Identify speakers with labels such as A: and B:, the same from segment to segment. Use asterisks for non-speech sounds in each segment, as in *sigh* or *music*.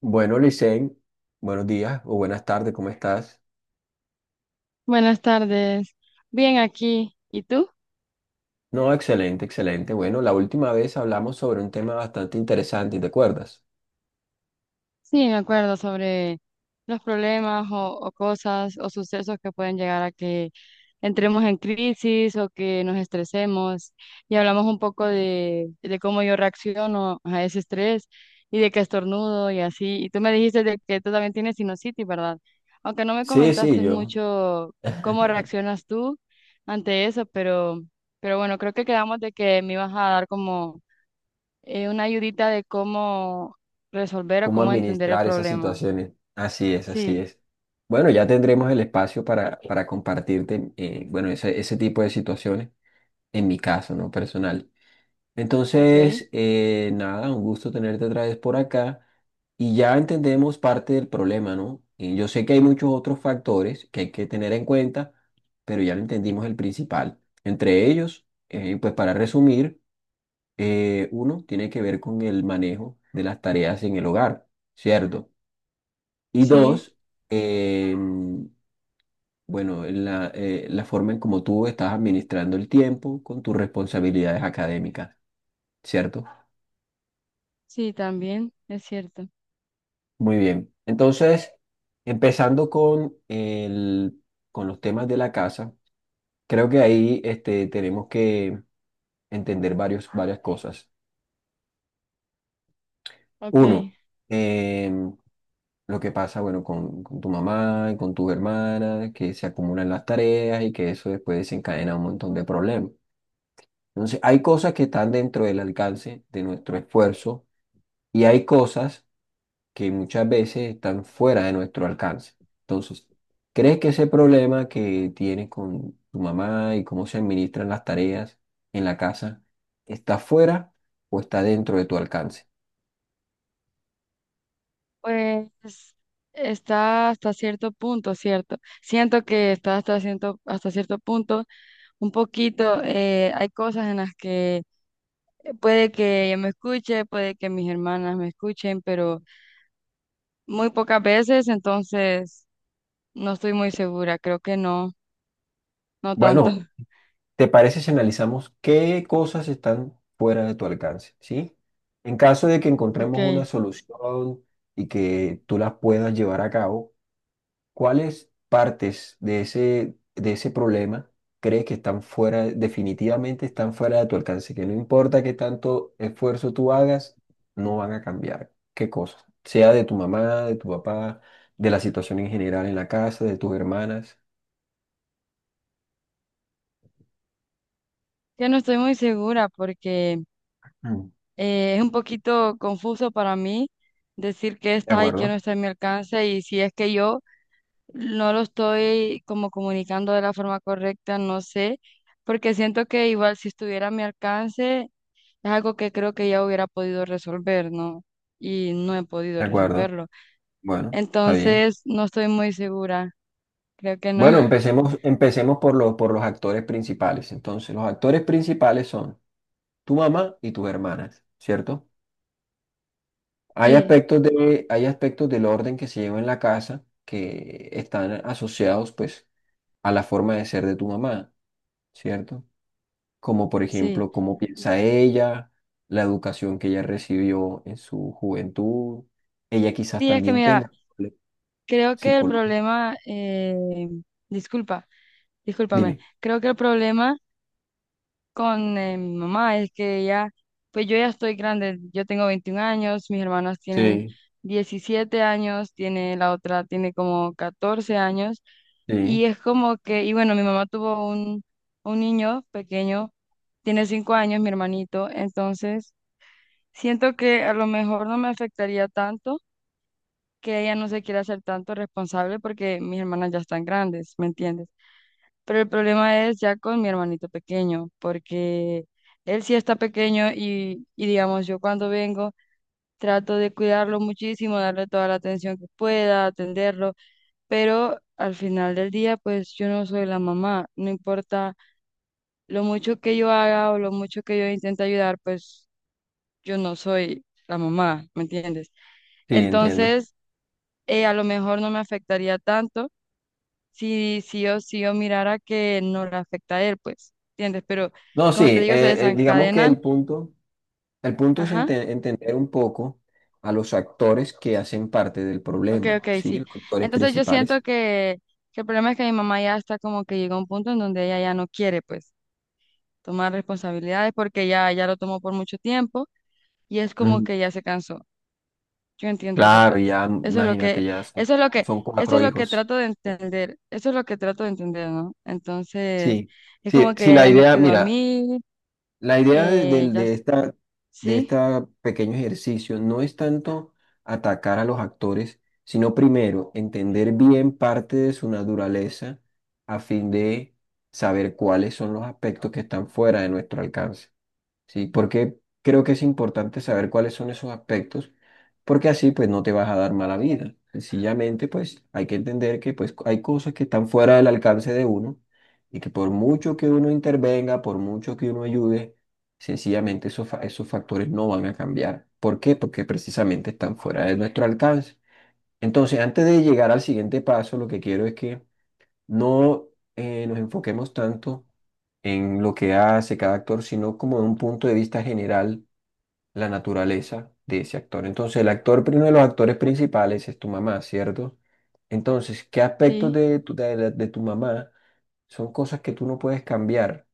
A: Bueno, Licen, buenos días o buenas tardes, ¿cómo estás?
B: Buenas tardes. Bien aquí. ¿Y tú?
A: No, excelente, excelente. Bueno, la última vez hablamos sobre un tema bastante interesante, ¿te acuerdas?
B: Sí, me acuerdo sobre los problemas o cosas o sucesos que pueden llegar a que entremos en crisis o que nos estresemos. Y hablamos un poco de cómo yo reacciono a ese estrés y de que estornudo y así. Y tú me dijiste de que tú también tienes sinusitis, ¿verdad? Aunque no me
A: Sí, sí,
B: comentaste
A: yo,
B: mucho cómo reaccionas tú ante eso, pero bueno, creo que quedamos de que me ibas a dar como una ayudita de cómo resolver o
A: cómo
B: cómo entender el
A: administrar esas
B: problema.
A: situaciones. Así es, así
B: Sí,
A: es. Bueno, ya tendremos el espacio para compartirte, bueno, ese tipo de situaciones, en mi caso, ¿no? Personal.
B: ok,
A: Entonces, nada, un gusto tenerte otra vez por acá y ya entendemos parte del problema, ¿no? Y yo sé que hay muchos otros factores que hay que tener en cuenta, pero ya lo entendimos el principal. Entre ellos, pues para resumir, uno tiene que ver con el manejo de las tareas en el hogar, ¿cierto? Y
B: sí,
A: dos, em, bueno, la forma en cómo tú estás administrando el tiempo con tus responsabilidades académicas, ¿cierto?
B: sí, también es cierto.
A: Muy bien. Entonces, empezando con los temas de la casa, creo que ahí este, tenemos que entender varias cosas.
B: Ok,
A: Uno, em, lo que pasa, bueno, con tu mamá y con tus hermanas, que se acumulan las tareas y que eso después desencadena un montón de problemas. Entonces, hay cosas que están dentro del alcance de nuestro esfuerzo y hay cosas que muchas veces están fuera de nuestro alcance. Entonces, ¿crees que ese problema que tienes con tu mamá y cómo se administran las tareas en la casa está fuera o está dentro de tu alcance?
B: pues está hasta cierto punto, ¿cierto? Siento que está hasta cierto punto, un poquito, hay cosas en las que puede que ella me escuche, puede que mis hermanas me escuchen, pero muy pocas veces, entonces no estoy muy segura, creo que no, no tanto.
A: Bueno,
B: *laughs*
A: ¿te parece si analizamos qué cosas están fuera de tu alcance? ¿Sí? En caso de que encontremos una
B: Ok.
A: solución y que tú las puedas llevar a cabo, ¿cuáles partes de ese problema crees que están fuera, definitivamente están fuera de tu alcance? Que no importa qué tanto esfuerzo tú hagas, no van a cambiar. ¿Qué cosas? Sea de tu mamá, de tu papá, de la situación en general en la casa, de tus hermanas.
B: Yo no estoy muy segura porque
A: Mm.
B: es un poquito confuso para mí decir qué
A: De
B: está y qué
A: acuerdo,
B: no está en mi alcance y si es que yo no lo estoy como comunicando de la forma correcta, no sé, porque siento que igual si estuviera a mi alcance es algo que creo que ya hubiera podido resolver, ¿no? Y no he podido
A: de acuerdo.
B: resolverlo.
A: Bueno, está bien.
B: Entonces, no estoy muy segura, creo que no.
A: Bueno,
B: *laughs*
A: empecemos por los actores principales. Entonces, los actores principales son tu mamá y tus hermanas, ¿cierto? Hay
B: Sí,
A: hay aspectos del orden que se lleva en la casa que están asociados pues a la forma de ser de tu mamá, ¿cierto? Como por
B: sí.
A: ejemplo, cómo piensa ella, la educación que ella recibió en su juventud. Ella quizás
B: Sí, es que
A: también
B: mira,
A: tenga
B: creo que el
A: psicólogo.
B: problema, disculpa. Discúlpame,
A: Dime.
B: creo que el problema con mi mamá es que ya, pues yo ya estoy grande, yo tengo 21 años, mis hermanas tienen
A: Sí,
B: 17 años, tiene la otra tiene como 14 años y
A: sí,
B: es como que, y bueno, mi mamá tuvo un niño pequeño, tiene 5 años, mi hermanito, entonces siento que a lo mejor no me afectaría tanto que ella no se quiera hacer tanto responsable porque mis hermanas ya están grandes, ¿me entiendes? Pero el problema es ya con mi hermanito pequeño, porque él sí está pequeño y digamos, yo cuando vengo trato de cuidarlo muchísimo, darle toda la atención que pueda, atenderlo, pero al final del día, pues yo no soy la mamá, no importa lo mucho que yo haga o lo mucho que yo intente ayudar, pues yo no soy la mamá, ¿me entiendes?
A: sí, entiendo.
B: Entonces, a lo mejor no me afectaría tanto si sí o sí o mirara que no le afecta a él, pues, ¿entiendes? Pero
A: No, sí,
B: como te digo, se
A: digamos que
B: desencadenan.
A: el punto es
B: Ajá,
A: entender un poco a los actores que hacen parte del
B: ok, ok,
A: problema, ¿sí?
B: sí.
A: Los actores
B: Entonces yo
A: principales.
B: siento que el problema es que mi mamá ya está como que llegó a un punto en donde ella ya no quiere, pues, tomar responsabilidades porque ya lo tomó por mucho tiempo y es como
A: Ujú.
B: que ya se cansó. Yo entiendo esa
A: Claro,
B: parte.
A: ya,
B: Eso es lo
A: imagínate,
B: que,
A: ya son,
B: eso es lo que,
A: son
B: eso
A: cuatro
B: es lo que
A: hijos.
B: trato de entender, eso es lo que trato de entender, ¿no? Entonces,
A: Sí,
B: es
A: sí,
B: como
A: sí,
B: que
A: la
B: ella ya me
A: idea,
B: cuidó a
A: mira,
B: mí,
A: la idea de,
B: eh,
A: del-
B: ya,
A: de
B: s-
A: esta, de
B: sí.
A: este pequeño ejercicio no es tanto atacar a los actores, sino primero entender bien parte de su naturaleza a fin de saber cuáles son los aspectos que están fuera de nuestro alcance. Sí, porque creo que es importante saber cuáles son esos aspectos, porque así pues no te vas a dar mala vida. Sencillamente pues hay que entender que pues hay cosas que están fuera del alcance de uno y que por mucho que uno intervenga, por mucho que uno ayude, sencillamente esos factores no van a cambiar. ¿Por qué? Porque precisamente están fuera de nuestro alcance. Entonces, antes de llegar al siguiente paso, lo que quiero es que no nos enfoquemos tanto en lo que hace cada actor, sino como de un punto de vista general, la naturaleza de ese actor. Entonces, uno de los actores principales es tu mamá, ¿cierto? Entonces, ¿qué aspectos
B: Sí,
A: de tu mamá son cosas que tú no puedes cambiar,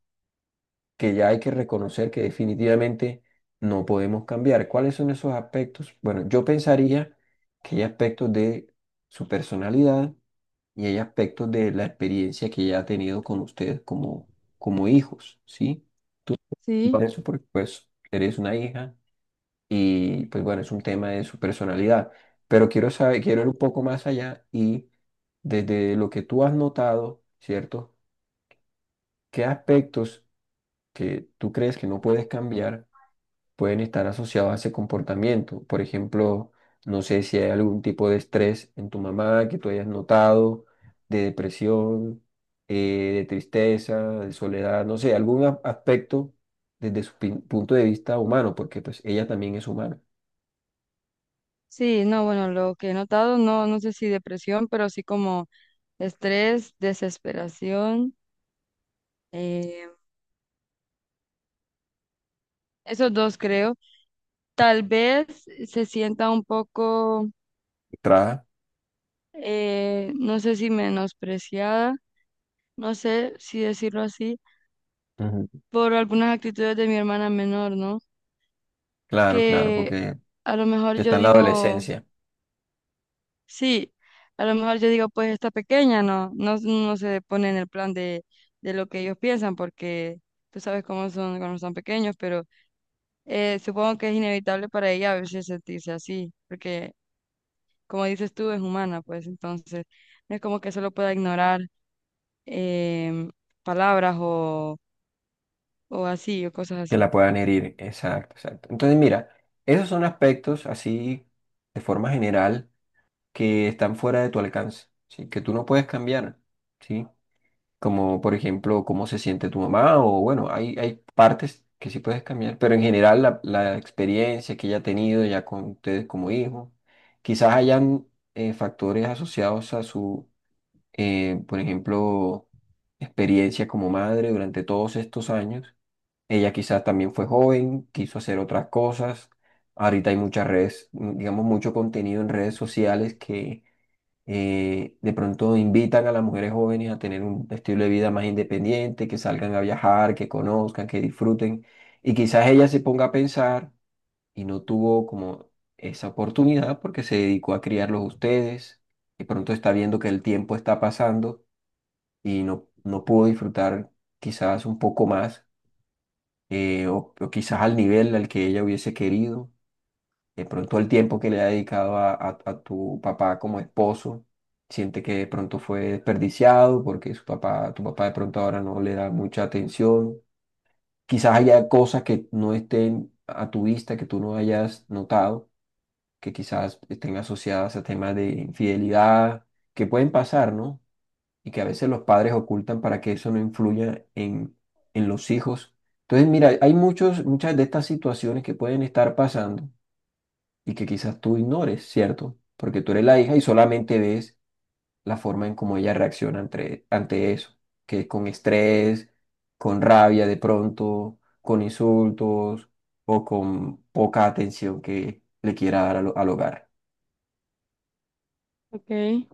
A: que ya hay que reconocer que definitivamente no podemos cambiar? ¿Cuáles son esos aspectos? Bueno, yo pensaría que hay aspectos de su personalidad, y hay aspectos de la experiencia que ella ha tenido con ustedes como hijos, ¿sí? Tú por
B: sí,
A: eso porque pues eres una hija y pues bueno, es un tema de su personalidad, pero quiero saber, quiero ir un poco más allá y desde lo que tú has notado, ¿cierto? ¿Qué aspectos que tú crees que no puedes cambiar pueden estar asociados a ese comportamiento? Por ejemplo, no sé si hay algún tipo de estrés en tu mamá que tú hayas notado, de depresión, de tristeza, de soledad, no sé, aspecto desde su punto de vista humano, porque pues ella también es humana.
B: sí, no, bueno, lo que he notado, no, no sé si depresión, pero sí como estrés, desesperación, eh, esos dos creo. Tal vez se sienta un poco,
A: Tra-
B: no sé si menospreciada, no sé si decirlo así,
A: Ujú.
B: por algunas actitudes de mi hermana menor, ¿no?
A: Claro, claro,
B: Que
A: porque
B: a lo mejor
A: está
B: yo
A: en la
B: digo...
A: adolescencia,
B: Sí, a lo mejor yo digo, pues esta pequeña no se pone en el plan de lo que ellos piensan, porque tú sabes cómo son cuando son pequeños, pero supongo que es inevitable para ella a veces sentirse así, porque como dices tú, es humana, pues entonces no es como que solo pueda ignorar em, palabras o así, o cosas
A: que
B: así.
A: la puedan herir. Exacto, exacto. Entonces, mira, esos son aspectos así de forma general que están fuera de tu alcance, ¿sí? Que tú no puedes cambiar, ¿sí? Como por ejemplo, cómo se siente tu mamá o bueno, hay partes que sí puedes cambiar, pero en general la experiencia que ella ha tenido ya con ustedes como hijos, quizás hayan factores asociados a su, por ejemplo, experiencia como madre durante todos estos años. Ella quizás también fue joven, quiso hacer otras cosas. Ahorita hay muchas redes, digamos, mucho contenido en redes sociales que de pronto invitan a las mujeres jóvenes a tener un estilo de vida más independiente, que salgan a viajar, que conozcan, que disfruten. Y quizás ella se ponga a pensar y no tuvo como esa oportunidad porque se dedicó a criarlos a ustedes. De pronto está viendo que el tiempo está pasando y no, no pudo disfrutar quizás un poco más o o quizás al nivel al que ella hubiese querido de pronto el tiempo que le ha dedicado a tu papá como esposo, siente que de pronto fue desperdiciado porque su papá, tu papá de pronto ahora no le da mucha atención. Quizás haya cosas que no estén a tu vista, que tú no hayas notado, que quizás estén asociadas a temas de infidelidad, que pueden pasar, ¿no? Y que a veces los padres ocultan para que eso no influya en los hijos. Entonces, mira, muchas de estas situaciones que pueden estar pasando y que quizás tú ignores, ¿cierto? Porque tú eres la hija y solamente ves la forma en cómo ella reacciona ante eso, que es con estrés, con rabia de pronto, con insultos o con poca atención que le quiera dar al hogar,
B: Okay,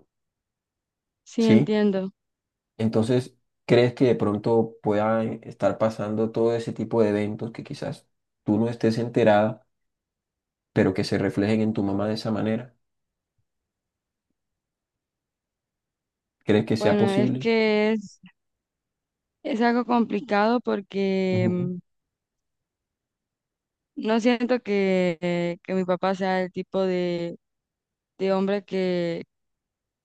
B: sí,
A: ¿sí?
B: entiendo.
A: Entonces, ¿crees que de pronto puedan estar pasando todo ese tipo de eventos que quizás tú no estés enterada, pero que se reflejen en tu mamá de esa manera? ¿Crees que sea
B: Bueno, es
A: posible?
B: que es algo complicado porque
A: Ujú,
B: no siento que mi papá sea el tipo de hombre que,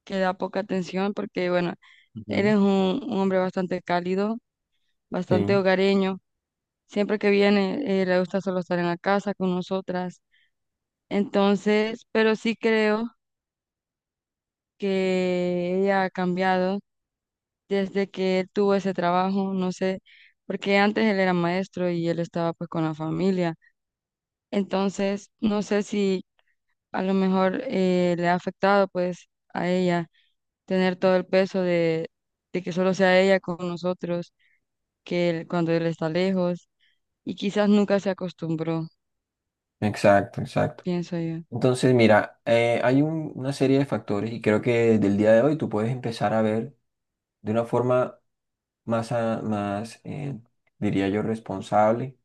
B: que da poca atención, porque bueno, él
A: Ujú.
B: es un hombre bastante cálido, bastante
A: Sí.
B: hogareño. Siempre que viene, le gusta solo estar en la casa con nosotras. Entonces, pero sí creo que ella ha cambiado desde que él tuvo ese trabajo, no sé, porque antes él era maestro y él estaba pues con la familia. Entonces, no sé si a lo mejor le ha afectado pues a ella tener todo el peso de que solo sea ella con nosotros, cuando él está lejos y quizás nunca se acostumbró,
A: Exacto, exacto.
B: pienso yo.
A: Entonces, mira, hay una serie de factores y creo que del día de hoy tú puedes empezar a ver de una forma más diría yo, responsable,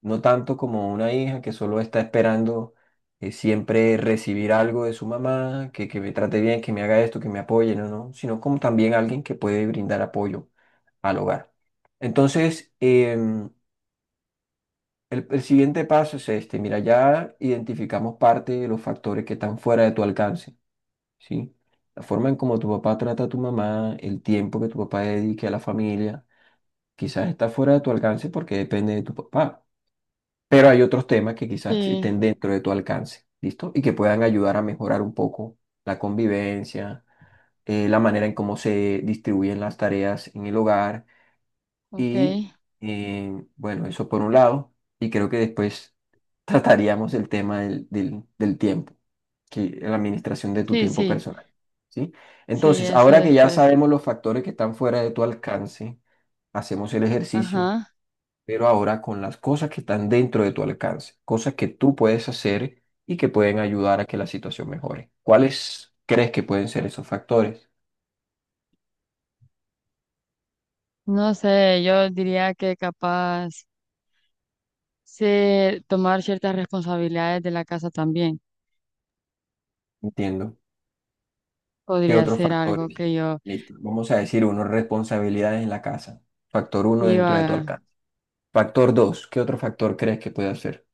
A: no tanto como una hija que solo está esperando siempre recibir algo de su mamá, que me trate bien, que me haga esto, que me apoye, no, no, sino como también alguien que puede brindar apoyo al hogar. Entonces, el siguiente paso es este. Mira, ya identificamos parte de los factores que están fuera de tu alcance, ¿sí? La forma en cómo tu papá trata a tu mamá, el tiempo que tu papá dedique a la familia, quizás está fuera de tu alcance porque depende de tu papá. Pero hay otros temas que quizás estén
B: Sí,
A: dentro de tu alcance, ¿listo? Y que puedan ayudar a mejorar un poco la convivencia, la manera en cómo se distribuyen las tareas en el hogar
B: ok.
A: y, bueno, eso por un lado. Y creo que después trataríamos el tema del tiempo, que la administración de tu
B: Sí,
A: tiempo
B: sí,
A: personal, ¿sí?
B: sí,
A: Entonces,
B: eso
A: ahora que ya
B: después.
A: sabemos los factores que están fuera de tu alcance, hacemos el ejercicio,
B: Ajá.
A: pero ahora con las cosas que están dentro de tu alcance, cosas que tú puedes hacer y que pueden ayudar a que la situación mejore. ¿Cuáles crees que pueden ser esos factores?
B: No sé, yo diría que capaz tomar ciertas responsabilidades de la casa también
A: Entiendo. ¿Qué
B: podría
A: otros
B: ser algo
A: factores? Listo. Vamos a decir uno, responsabilidades en la casa. Factor uno
B: que yo
A: dentro de tu
B: haga.
A: alcance. Factor dos, ¿qué otro factor crees que puede ser?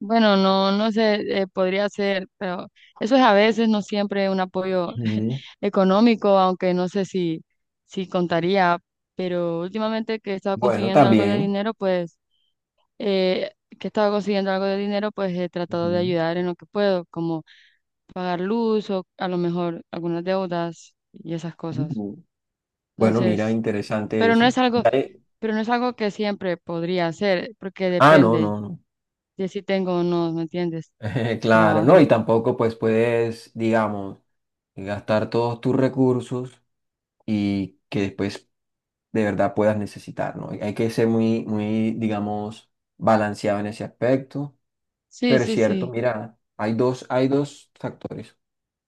B: Bueno, no, no sé, podría ser, pero eso es a veces, no siempre un apoyo *laughs*
A: Ujú.
B: económico, aunque no sé si contaría, pero últimamente que he estado
A: Bueno,
B: consiguiendo algo de
A: también.
B: dinero, pues, eh, que he estado consiguiendo algo de dinero, pues he tratado de
A: Ujú,
B: ayudar en lo que puedo, como pagar luz o a lo mejor algunas deudas y esas cosas.
A: ujú. Bueno, mira,
B: Entonces,
A: interesante
B: pero no es
A: eso.
B: algo, pero no es algo que siempre podría hacer, porque
A: Ah, no,
B: depende
A: no, no.
B: de si tengo o no, ¿me entiendes?
A: *laughs* Claro, no, y
B: Trabajo.
A: tampoco pues puedes, digamos, gastar todos tus recursos y que después de verdad puedas necesitar, ¿no? Hay que ser muy, muy, digamos, balanceado en ese aspecto.
B: Sí,
A: Pero es
B: sí,
A: cierto,
B: sí.
A: mira, hay dos factores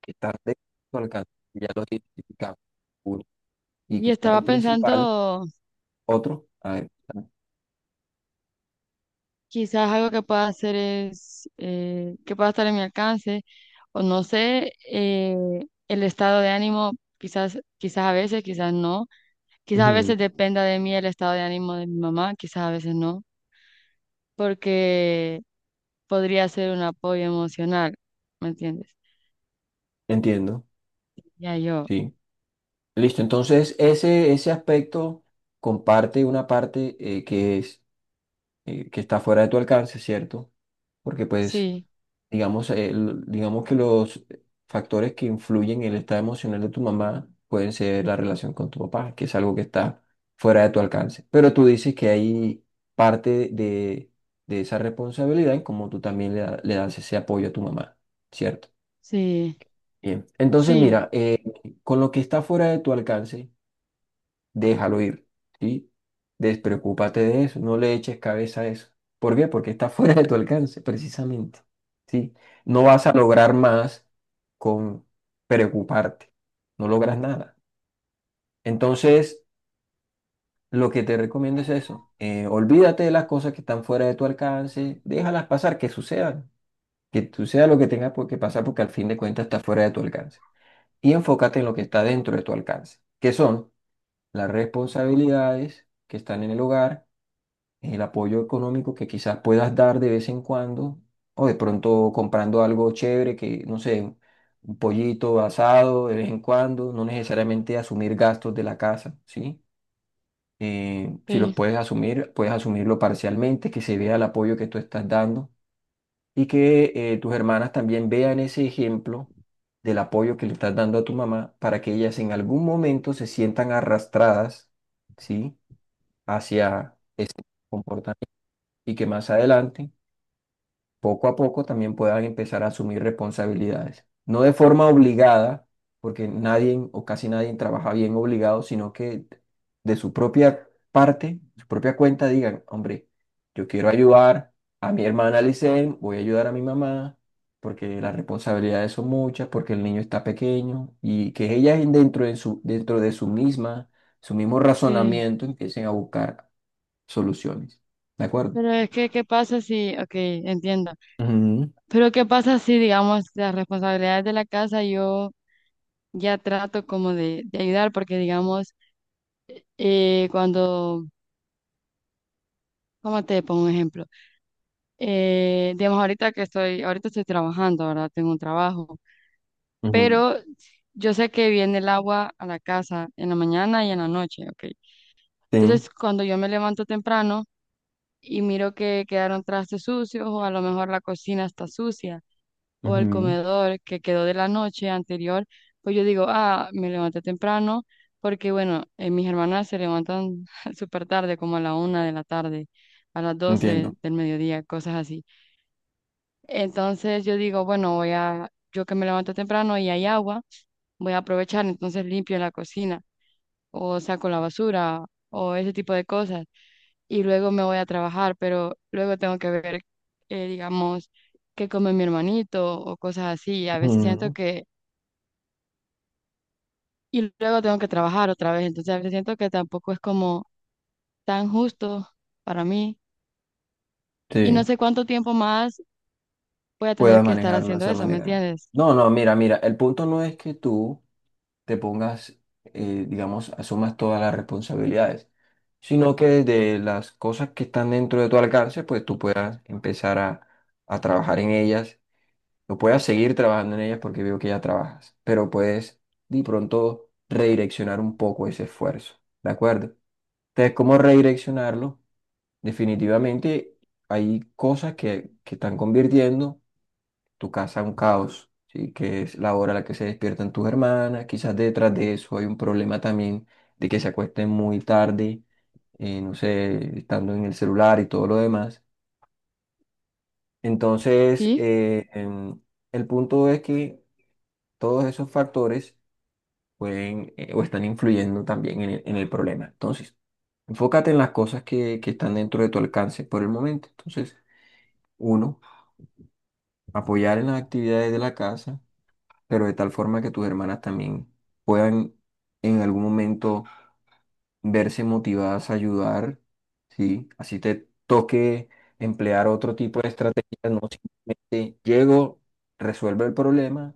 A: que están de tu alcance, ya los identificamos. Uno, y
B: Y
A: quizás
B: estaba
A: el principal,
B: pensando,
A: otro, a ver.
B: quizás algo que pueda hacer es, que pueda estar en mi alcance, o no sé, el estado de ánimo, quizás, quizás a veces, quizás no, quizás a
A: Ujú.
B: veces dependa de mí el estado de ánimo de mi mamá, quizás a veces no, porque podría ser un apoyo emocional, ¿me entiendes?
A: Entiendo,
B: Ya yo,
A: sí. Listo, entonces ese aspecto comparte una parte que está fuera de tu alcance, ¿cierto? Porque pues,
B: sí,
A: digamos, digamos que los factores que influyen en el estado emocional de tu mamá pueden ser la relación con tu papá, que es algo que está fuera de tu alcance. Pero tú dices que hay parte de esa responsabilidad en cómo tú también le, le das ese apoyo a tu mamá, ¿cierto?
B: sí,
A: Bien, entonces
B: sí,
A: mira, con lo que está fuera de tu alcance, déjalo ir, ¿sí? Despreocúpate de eso, no le eches cabeza a eso. ¿Por qué? Porque está *laughs* fuera de tu alcance, precisamente, ¿sí? No vas a lograr más con preocuparte, no logras nada. Entonces, lo que te recomiendo es eso, olvídate de las cosas que están fuera de tu alcance, déjalas pasar, que sucedan, que suceda lo que tenga que pasar, porque al fin de cuentas está fuera de tu alcance. Y enfócate en lo que está dentro de tu alcance, que son las responsabilidades que están en el hogar, el apoyo económico que quizás puedas dar de vez en cuando, o de pronto comprando algo chévere que, no sé, un pollito asado de vez en cuando, no necesariamente asumir gastos de la casa, ¿sí? Si los
B: sí,
A: puedes asumir, puedes asumirlo parcialmente, que se vea el apoyo que tú estás dando y que tus hermanas también vean ese ejemplo del apoyo que le estás dando a tu mamá para que ellas en algún momento se sientan arrastradas, ¿sí? Hacia ese comportamiento, y que más adelante poco a poco también puedas empezar a asumir responsabilidades. No de forma obligada, porque nadie o casi nadie trabaja bien obligado, sino que de su propia parte, su propia cuenta, digan, hombre, yo quiero ayudar a mi hermana Licen, voy a ayudar a mi mamá, porque las responsabilidades son muchas, porque el niño está pequeño, y que ellas dentro de dentro de su misma, su mismo
B: sí.
A: razonamiento empiecen a buscar soluciones. ¿De acuerdo?
B: Pero es que, ¿qué pasa si, ok, entiendo.
A: Ujú,
B: Pero ¿qué pasa si, digamos, las responsabilidades de la casa yo ya trato como de ayudar? Porque, digamos, eh, cuando, ¿cómo te pongo un ejemplo? Digamos, ahorita estoy trabajando, ¿verdad? Tengo un trabajo,
A: ujú.
B: pero yo sé que viene el agua a la casa en la mañana y en la noche, ¿ok?
A: Sí.
B: Entonces, cuando yo me levanto temprano y miro que quedaron trastes sucios o a lo mejor la cocina está sucia, o el
A: Ujú,
B: comedor que quedó de la noche anterior, pues yo digo, ah, me levanté temprano, porque bueno, mis hermanas se levantan *laughs* súper tarde, como a la 1 de la tarde, a las 12
A: Entiendo.
B: del mediodía, cosas así. Entonces yo digo, bueno, voy a, yo que me levanto temprano y hay agua, voy a aprovechar, entonces limpio la cocina o saco la basura o ese tipo de cosas y luego me voy a trabajar, pero luego tengo que ver, digamos, qué come mi hermanito o cosas así. A veces siento
A: Ujú,
B: que, y luego tengo que trabajar otra vez, entonces a veces siento que tampoco es como tan justo para mí y no
A: Sí,
B: sé cuánto tiempo más voy a tener
A: puedas
B: que estar
A: manejarlo de
B: haciendo
A: esa
B: eso, ¿me
A: manera.
B: entiendes?
A: No, no, mira, mira, el punto no es que tú te pongas, digamos, asumas todas las responsabilidades, sino que de las cosas que están dentro de tu alcance, pues tú puedas empezar a trabajar en ellas, o puedas seguir trabajando en ellas porque veo que ya trabajas, pero puedes de pronto redireccionar un poco ese esfuerzo, ¿de acuerdo? Entonces, ¿cómo redireccionarlo? Definitivamente hay cosas que están convirtiendo tu casa en un caos, ¿sí? Que es la hora a la que se despiertan tus hermanas, quizás detrás de eso hay un problema también de que se acuesten muy tarde, no sé, estando en el celular y todo lo demás. Entonces,
B: Sí,
A: el punto es que todos esos factores pueden o están influyendo también en en el problema. Entonces, enfócate en las cosas que están dentro de tu alcance por el momento. Entonces, uno. Apoyar en las actividades de la casa, pero de tal forma que tus hermanas también puedan en algún momento verse motivadas a ayudar, ¿sí? Así te toque emplear otro tipo de estrategias, no. Si te llego, resuelve el problema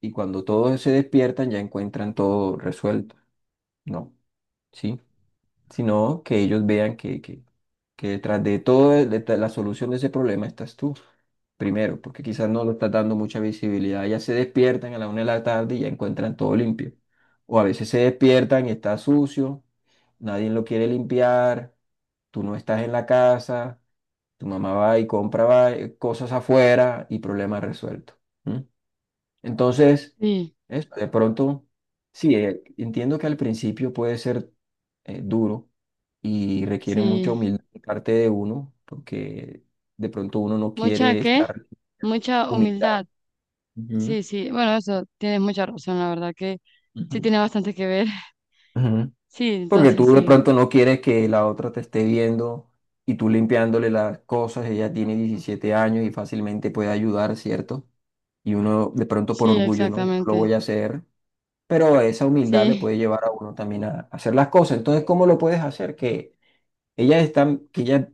A: y cuando todos se despiertan ya encuentran todo resuelto, ¿no? ¿Sí? Sino que ellos vean que detrás de todo, detrás de la solución de ese problema estás tú, primero, porque quizás no lo estás dando mucha visibilidad. Ya se despiertan a la una de la tarde y ya encuentran todo limpio. O a veces se despiertan y está sucio, nadie lo quiere limpiar, tú no estás en la casa, tu mamá va y compra cosas afuera y problema resuelto. ¿Mm? Entonces,
B: sí,
A: de pronto, sí, entiendo que al principio puede ser duro y requiere mucha
B: sí.
A: humildad de parte de uno, porque de pronto uno no
B: ¿Mucha
A: quiere
B: qué?
A: estar
B: Mucha
A: humildad.
B: humildad.
A: Ujú,
B: Sí, sí. Bueno, eso tienes mucha razón, la verdad que sí
A: ujú,
B: tiene bastante que ver.
A: ujú.
B: Sí,
A: Porque tú
B: entonces
A: de
B: sigue.
A: pronto no quieres que la otra te esté viendo y tú limpiándole las cosas, ella tiene 17 años y fácilmente puede ayudar, ¿cierto? Y uno de pronto por
B: Sí,
A: orgullo, no, yo no lo
B: exactamente.
A: voy a hacer. Pero esa humildad le
B: Sí,
A: puede llevar a uno también a hacer las cosas. Entonces, ¿cómo lo puedes hacer? Que ella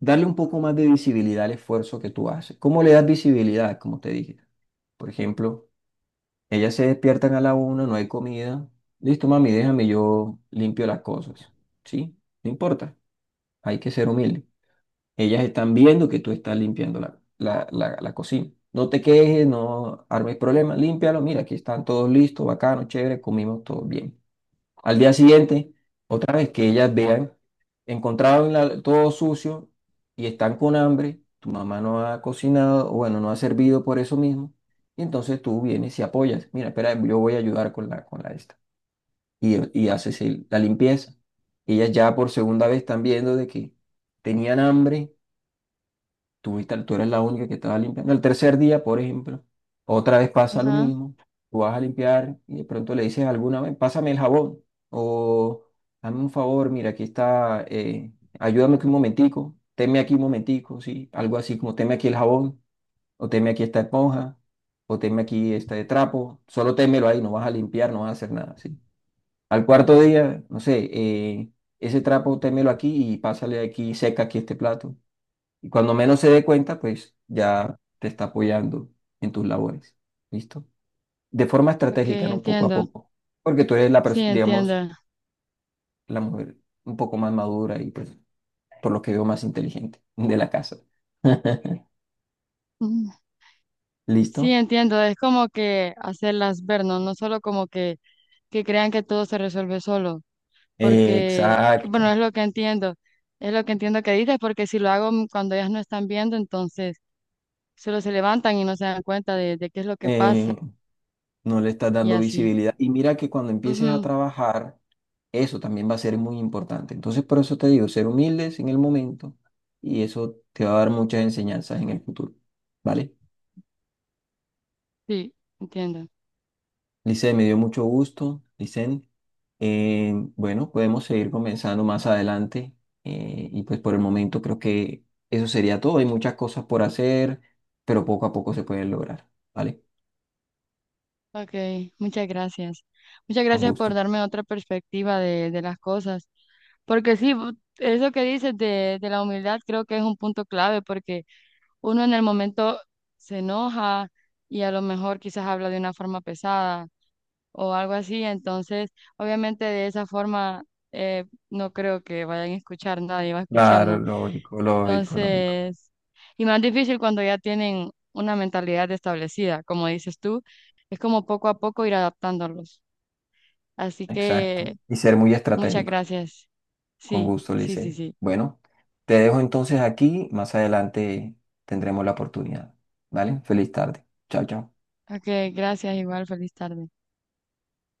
A: darle un poco más de visibilidad al esfuerzo que tú haces. ¿Cómo le das visibilidad? Como te dije. Por ejemplo, ellas se despiertan a la una, no hay comida. Listo, mami, déjame, yo limpio las cosas. ¿Sí? No importa. Hay que ser humilde. Ellas están viendo que tú estás limpiando la cocina. No te quejes, no armes problemas, límpialo. Mira, aquí están todos listos, bacano, chévere, comimos todos bien. Al día siguiente, otra vez que ellas vean, encontraron todo sucio y están con hambre, tu mamá no ha cocinado, o bueno, no ha servido por eso mismo, y entonces tú vienes y apoyas, mira, espera, yo voy a ayudar con con la esta, y, y haces la limpieza. Ellas ya por segunda vez están viendo de que tenían hambre. Tú, tú eres la única que estaba limpiando. El tercer día, por ejemplo, otra vez pasa lo
B: ajá.
A: mismo. Tú vas a limpiar y de pronto le dices alguna vez, pásame el jabón o dame un favor, mira, aquí está, ayúdame aquí un momentico, teme aquí un momentico, sí, algo así como teme aquí el jabón o teme aquí esta esponja o teme aquí este trapo, solo témelo ahí, no vas a limpiar, no vas a hacer nada, sí. Al cuarto día, no sé, ese trapo témelo aquí y pásale aquí, seca aquí este plato. Y cuando menos se dé cuenta, pues ya te está apoyando en tus labores. ¿Listo? De forma
B: Ok,
A: estratégica, ¿no? Poco a
B: entiendo.
A: poco. Porque tú eres la
B: Sí,
A: persona, digamos,
B: entiendo.
A: la mujer un poco más madura y pues por lo que veo más inteligente *laughs* de la casa. *laughs*
B: Mm, Sí,
A: ¿Listo?
B: entiendo. Es como que hacerlas ver, ¿no? No solo como que crean que todo se resuelve solo. Porque, bueno,
A: Exacto.
B: es lo que entiendo. Es lo que entiendo que dices, porque si lo hago cuando ellas no están viendo, entonces solo se levantan y no se dan cuenta de qué es lo que
A: Eh,
B: pasa
A: no le estás
B: y
A: dando
B: así.
A: visibilidad. Y mira que cuando empieces a
B: Ujú.
A: trabajar, eso también va a ser muy importante. Entonces, por eso te digo, ser humildes en el momento y eso te va a dar muchas enseñanzas en el futuro. ¿Vale?
B: Sí, entiendo.
A: Lice, me dio mucho gusto, Licen. Bueno, podemos seguir comenzando más adelante y pues por el momento creo que eso sería todo. Hay muchas cosas por hacer, pero poco a poco se pueden lograr, ¿vale?
B: Ok, muchas gracias. Muchas
A: Con
B: gracias
A: gusto.
B: por darme otra perspectiva de las cosas. Porque sí, eso que dices de la humildad creo que es un punto clave porque uno en el momento se enoja y a lo mejor quizás habla de una forma pesada o algo así. Entonces, obviamente de esa forma eh, no creo que vayan a escuchar, nadie va a
A: Claro,
B: escucharnos.
A: lógico, lógico, lógico.
B: Entonces, y más difícil cuando ya tienen una mentalidad establecida, como dices tú, es como poco a poco ir adaptándolos. Así
A: Exacto.
B: que
A: Y ser muy
B: muchas
A: estratégicos.
B: gracias.
A: Con
B: Sí,
A: gusto,
B: sí, sí,
A: Licen.
B: sí.
A: Bueno, te dejo entonces aquí. Más adelante tendremos la oportunidad, ¿vale? Feliz tarde. Chao, chao.
B: Ok, gracias, igual, feliz tarde.